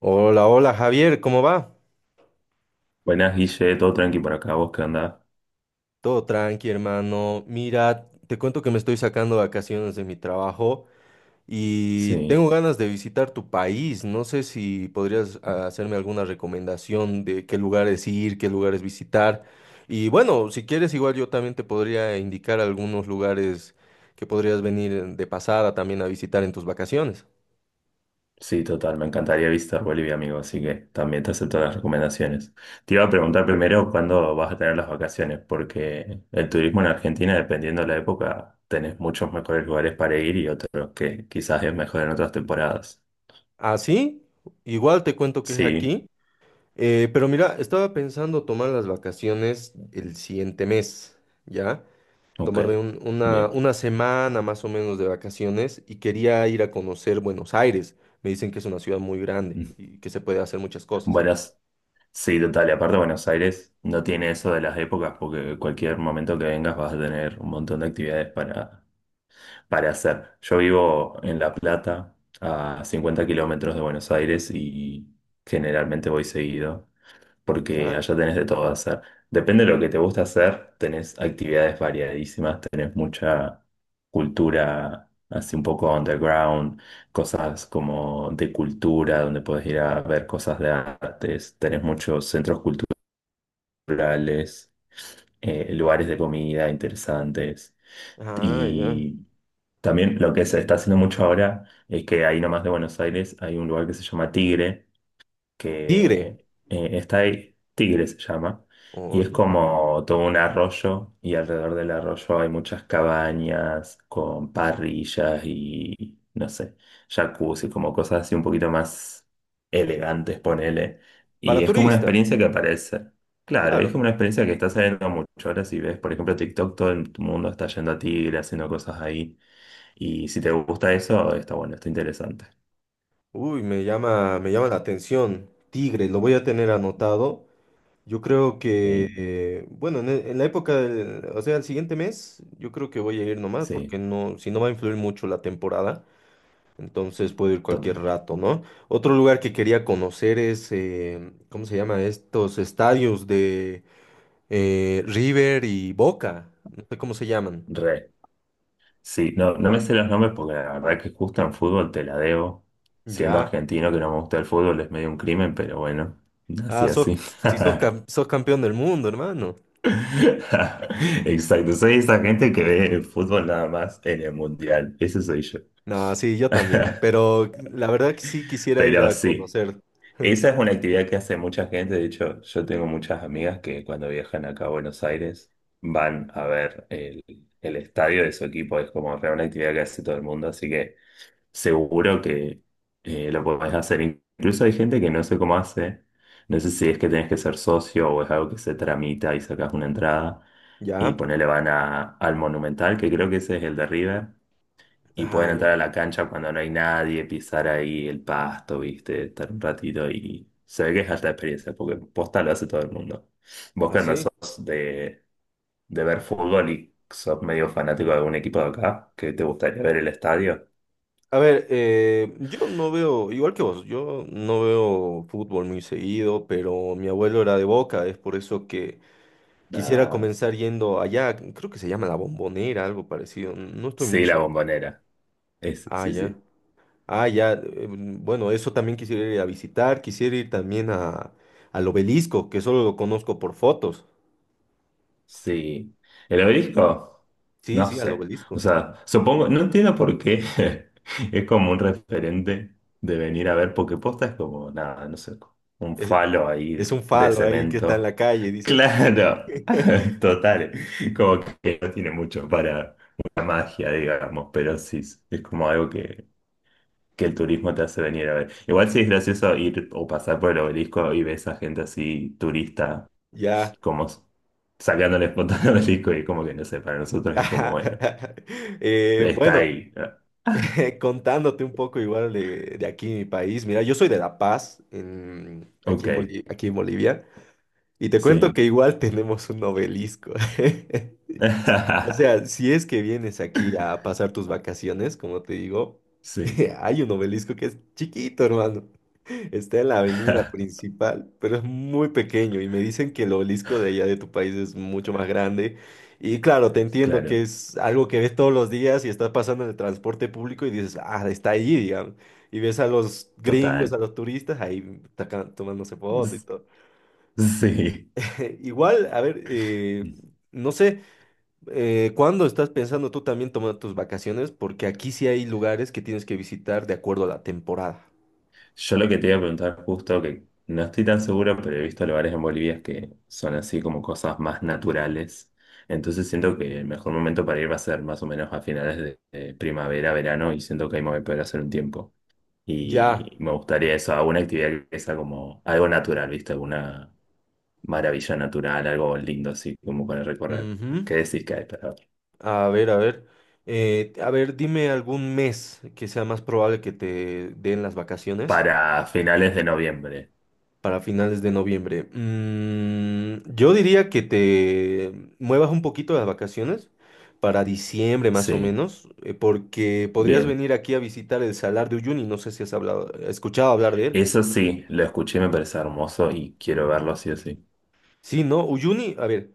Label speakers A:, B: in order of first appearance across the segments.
A: Hola, hola Javier, ¿cómo va?
B: Buenas, Guille, todo tranqui por acá, ¿vos qué andás?
A: Todo tranqui, hermano. Mira, te cuento que me estoy sacando vacaciones de mi trabajo y
B: Sí,
A: tengo ganas de visitar tu país. No sé si podrías hacerme alguna recomendación de qué lugares ir, qué lugares visitar. Y bueno, si quieres, igual yo también te podría indicar algunos lugares que podrías venir de pasada también a visitar en tus vacaciones.
B: sí, total, me encantaría visitar Bolivia, amigo, así que también te acepto las recomendaciones. Te iba a preguntar primero cuándo vas a tener las vacaciones, porque el turismo en Argentina, dependiendo de la época, tenés muchos mejores lugares para ir y otros que quizás es mejor en otras temporadas.
A: ¿Ah, sí? Igual te cuento que es
B: Sí,
A: aquí. Pero mira, estaba pensando tomar las vacaciones el siguiente mes, ¿ya?
B: ok,
A: Tomarme un- una,
B: bien.
A: una semana más o menos de vacaciones y quería ir a conocer Buenos Aires. Me dicen que es una ciudad muy grande
B: Mm,
A: y que se puede hacer muchas cosas,
B: buenas, sí, total, y aparte Buenos Aires no tiene eso de las épocas, porque cualquier momento que vengas vas a tener un montón de actividades para hacer. Yo vivo en La Plata, a 50 kilómetros de Buenos Aires y generalmente voy seguido, porque
A: ¿ya?
B: allá tenés de todo hacer. Depende de lo que te gusta hacer, tenés actividades variadísimas, tenés mucha cultura, así un poco underground, cosas como de cultura, donde podés ir a ver cosas de artes, tenés muchos centros culturales, Lugares de comida interesantes.
A: Ah, ya.
B: Y también lo que se está haciendo mucho ahora es que ahí nomás de Buenos Aires hay un lugar que se llama Tigre,
A: Tigre.
B: que está ahí, Tigre se llama, y
A: Oh,
B: es
A: ya.
B: como todo un arroyo, y alrededor del arroyo hay muchas cabañas con parrillas y, no sé, jacuzzi, como cosas así un poquito más elegantes, ponele. Y
A: Para
B: es como una
A: turista,
B: experiencia que aparece. Claro, y es
A: claro.
B: como una experiencia que está saliendo mucho. Ahora si ves, por ejemplo, TikTok, todo el mundo está yendo a Tigre, haciendo cosas ahí. Y si te gusta eso, está bueno, está interesante.
A: Uy, me llama la atención. Tigre, lo voy a tener anotado. Yo creo que,
B: Sí,
A: bueno, en la época del, o sea, el siguiente mes, yo creo que voy a ir nomás, porque
B: sí,
A: no, si no va a influir mucho la temporada, entonces puedo ir cualquier
B: total.
A: rato, ¿no? Otro lugar que quería conocer es, ¿cómo se llama? Estos estadios de River y Boca, no sé cómo se llaman.
B: Re. Sí, no, no me sé los nombres porque la verdad que justo en fútbol te la debo. Siendo
A: Ya.
B: argentino que no me gusta el fútbol es medio un crimen, pero bueno, así
A: Ah,
B: así.
A: sos campeón del mundo, hermano.
B: Exacto, soy esa gente que ve el fútbol nada más en el mundial. Ese soy yo.
A: No, sí, yo también, pero la verdad que sí quisiera ir
B: Pero
A: a
B: sí,
A: conocer,
B: esa es una actividad que hace mucha gente. De hecho, yo tengo muchas amigas que cuando viajan acá a Buenos Aires van a ver el estadio de su equipo. Es como re una actividad que hace todo el mundo, así que... seguro que lo podés hacer. Incluso hay gente que no sé cómo hace. No sé si es que tenés que ser socio o es algo que se tramita y sacás una entrada. Y
A: ¿ya?
B: ponele van a, al Monumental, que creo que ese es el de River. Y
A: Ah,
B: pueden
A: ya,
B: entrar a la cancha cuando no hay nadie, pisar ahí el pasto, viste, estar un ratito y se ve que es alta experiencia, porque posta lo hace todo el mundo. Vos que andás
A: así.
B: sos de ver fútbol y sos medio fanático de algún equipo de acá, que te gustaría ver el estadio.
A: A ver, yo no veo, igual que vos, yo no veo fútbol muy seguido, pero mi abuelo era de Boca, es por eso que quisiera comenzar yendo allá, creo que se llama La Bombonera, algo parecido, no estoy muy
B: Sí, la
A: seguro.
B: bombonera. Es,
A: Ah,
B: sí,
A: ya.
B: sí.
A: Ah, ya. Bueno, eso también quisiera ir a visitar, quisiera ir también a, al obelisco, que solo lo conozco por fotos.
B: Sí. ¿El obelisco?
A: Sí,
B: No
A: sí, al
B: sé. O
A: obelisco.
B: sea, supongo, no entiendo por qué es como un referente de venir a ver, porque posta es como, nada, no sé, un
A: Es,
B: falo
A: es
B: ahí
A: un
B: de
A: falo ahí que está en la
B: cemento.
A: calle, dices.
B: Claro, total. Como que no tiene mucho para una magia, digamos, pero sí, es como algo que el turismo te hace venir a ver. Igual sí es gracioso ir o pasar por el obelisco y ves a gente así turista,
A: Ya.
B: como s- sacándole fotos al obelisco y como que no sé, para nosotros es como, bueno, está
A: Bueno.
B: ahí.
A: Contándote un poco igual de aquí, mi país. Mira, yo soy de La Paz, aquí
B: Ok,
A: en aquí en Bolivia, y te cuento
B: sí.
A: que igual tenemos un obelisco. O sea, si es que vienes aquí a pasar tus vacaciones, como te digo,
B: Sí.
A: hay un obelisco que es chiquito, hermano. Está en la avenida principal, pero es muy pequeño y me dicen que el obelisco de allá de tu país es mucho más grande. Y claro, te entiendo que
B: Claro,
A: es algo que ves todos los días y estás pasando en el transporte público y dices, ah, está allí, digamos. Y ves a los gringos, a
B: total.
A: los turistas ahí tomándose foto y
B: S-
A: todo.
B: Sí.
A: Igual, a ver, no sé, ¿cuándo estás pensando tú también tomar tus vacaciones? Porque aquí sí hay lugares que tienes que visitar de acuerdo a la temporada.
B: Yo lo que te iba a preguntar justo, que no estoy tan seguro, pero he visto lugares en Bolivia que son así como cosas más naturales. Entonces siento que el mejor momento para ir va a ser más o menos a finales de primavera, verano, y siento que ahí me voy a poder hacer un tiempo.
A: Ya.
B: Y me gustaría eso, alguna actividad que sea como algo natural, ¿viste? Alguna maravilla natural, algo lindo así como para recorrer.
A: Ujú.
B: ¿Qué decís que hay
A: A ver, a ver. A ver, dime algún mes que sea más probable que te den las vacaciones
B: para finales de noviembre?
A: para finales de noviembre. Mm, yo diría que te muevas un poquito las vacaciones para diciembre más o
B: Sí,
A: menos, porque podrías
B: bien.
A: venir aquí a visitar el Salar de Uyuni. No sé si has hablado, escuchado hablar de él.
B: Eso sí, lo escuché y me parece hermoso y quiero verlo sí o sí.
A: Sí, ¿no? Uyuni, a ver.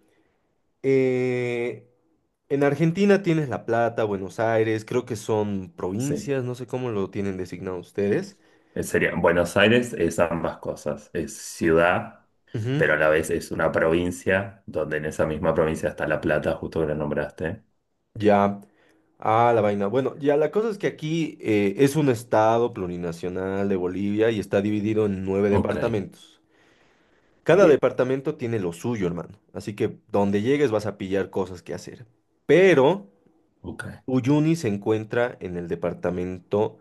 A: eh, en Argentina tienes La Plata, Buenos Aires, creo que son
B: Sí,
A: provincias, no sé cómo lo tienen designado ustedes.
B: eh, sería, Buenos Aires es ambas cosas, es ciudad,
A: Ujú.
B: pero a la vez es una provincia, donde en esa misma provincia está La Plata, justo que la nombraste.
A: Ya, ah, la vaina. Bueno, ya la cosa es que aquí es un estado plurinacional de Bolivia y está dividido en nueve
B: Ok,
A: departamentos. Cada
B: bien,
A: departamento tiene lo suyo, hermano. Así que donde llegues vas a pillar cosas que hacer. Pero
B: ok,
A: Uyuni se encuentra en el departamento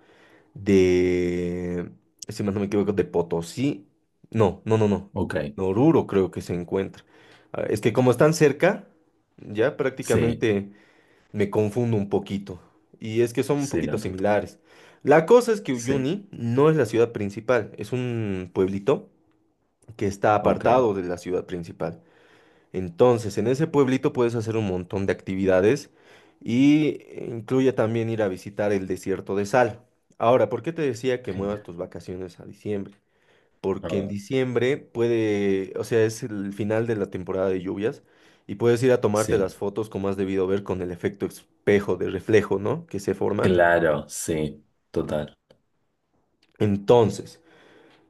A: de, si más no me equivoco, de Potosí. No, no, no, no.
B: ok,
A: Oruro creo que se encuentra. Ah, es que como están cerca, ya
B: sí,
A: prácticamente... Me confundo un poquito. Y es que son un
B: sí,
A: poquito
B: no, total,
A: similares. La cosa es que
B: sí,
A: Uyuni no es la ciudad principal, es un pueblito que está
B: ok,
A: apartado de la ciudad principal. Entonces, en ese pueblito puedes hacer un montón de actividades y incluye también ir a visitar el desierto de sal. Ahora, ¿por qué te decía que
B: genial.
A: muevas tus vacaciones a diciembre?
B: A
A: Porque en
B: ver,
A: diciembre puede, o sea, es el final de la temporada de lluvias y puedes ir a tomarte las
B: sí,
A: fotos como has debido ver con el efecto espejo de reflejo, ¿no? Que se forma.
B: claro, sí, total.
A: Entonces,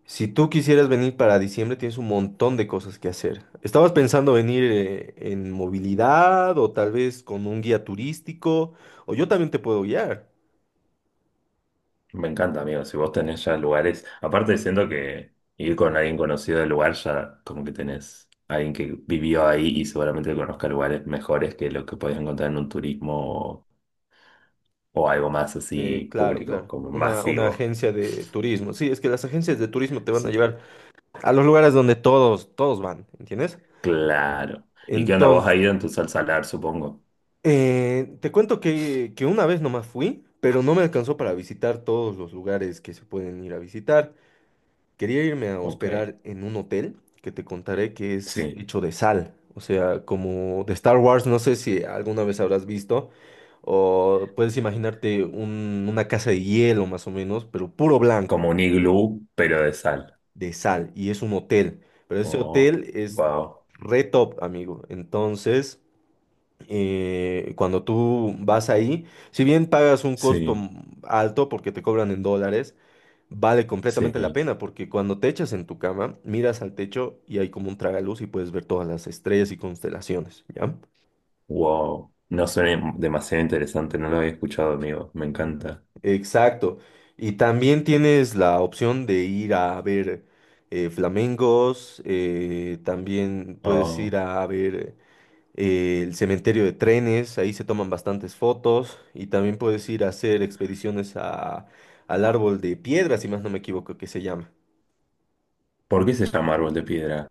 A: si tú quisieras venir para diciembre, tienes un montón de cosas que hacer. ¿Estabas pensando venir en movilidad o tal vez con un guía turístico? O yo también te puedo guiar.
B: Me encanta, amigo. Si vos tenés ya lugares, aparte siento que ir con alguien conocido del lugar ya como que tenés alguien que vivió ahí y seguramente conozca lugares mejores que lo que podés encontrar en un turismo o, o algo más así
A: Claro,
B: público,
A: claro.
B: como
A: Una
B: masivo.
A: agencia de turismo. Sí, es que las agencias de turismo te van a
B: Sí,
A: llevar a los lugares donde todos van, ¿entiendes?
B: claro. ¿Y qué onda? ¿Vos has
A: Entonces,
B: ido en tu salar, supongo?
A: te cuento que una vez nomás fui, pero no me alcanzó para visitar todos los lugares que se pueden ir a visitar. Quería irme a
B: Ok.
A: hospedar en un hotel que te contaré que es
B: Sí,
A: hecho de sal, o sea, como de Star Wars, no sé si alguna vez habrás visto, o puedes imaginarte una casa de hielo más o menos, pero puro blanco,
B: como un iglú, pero de sal.
A: de sal, y es un hotel, pero ese
B: Oh,
A: hotel es
B: wow.
A: re top, amigo. Entonces... cuando tú vas ahí, si bien pagas un costo
B: Sí,
A: alto porque te cobran en dólares, vale completamente la
B: sí,
A: pena porque cuando te echas en tu cama, miras al techo y hay como un tragaluz y puedes ver todas las estrellas y constelaciones, ¿ya?
B: wow. No suena demasiado interesante, no lo había escuchado, amigo. Me encanta.
A: Exacto. Y también tienes la opción de ir a ver flamencos, también puedes ir
B: Oh,
A: a ver el cementerio de trenes, ahí se toman bastantes fotos y también puedes ir a hacer expediciones a, al árbol de piedra, si más no me equivoco que se llama.
B: ¿por qué se llama árbol de piedra?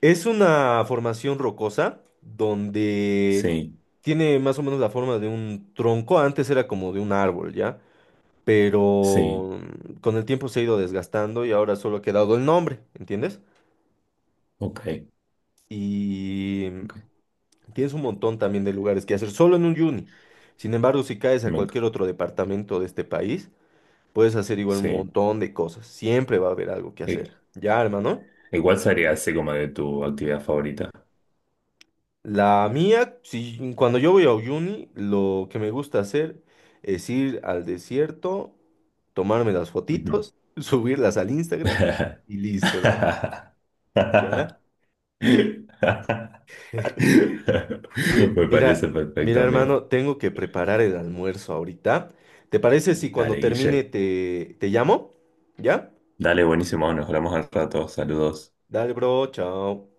A: Es una formación rocosa donde
B: Sí,
A: tiene más o menos la forma de un tronco, antes era como de un árbol, ¿ya?
B: sí,
A: Pero con el tiempo se ha ido desgastando y ahora solo ha quedado el nombre, ¿entiendes?
B: ok,
A: Y
B: ok,
A: tienes un montón también de lugares que hacer solo en un uni. Sin embargo, si caes a
B: me enc-
A: cualquier otro departamento de este país, puedes hacer igual un
B: sí.
A: montón de cosas. Siempre va a haber algo que
B: I-
A: hacer. Ya, hermano.
B: Igual sería así como de tu actividad favorita.
A: La mía, si, cuando yo voy a uni, lo que me gusta hacer es ir al desierto, tomarme las
B: Ujú.
A: fotitos, subirlas al Instagram y listo, hermano. ¿Ya? Mira,
B: Me parece
A: mira, mira,
B: perfecto, amigo.
A: hermano, tengo que preparar el almuerzo ahorita. ¿Te parece si cuando
B: Dale,
A: termine
B: Guille.
A: te llamo? ¿Ya?
B: Dale, buenísimo, nos hablamos al rato, saludos.
A: Dale, bro, chao.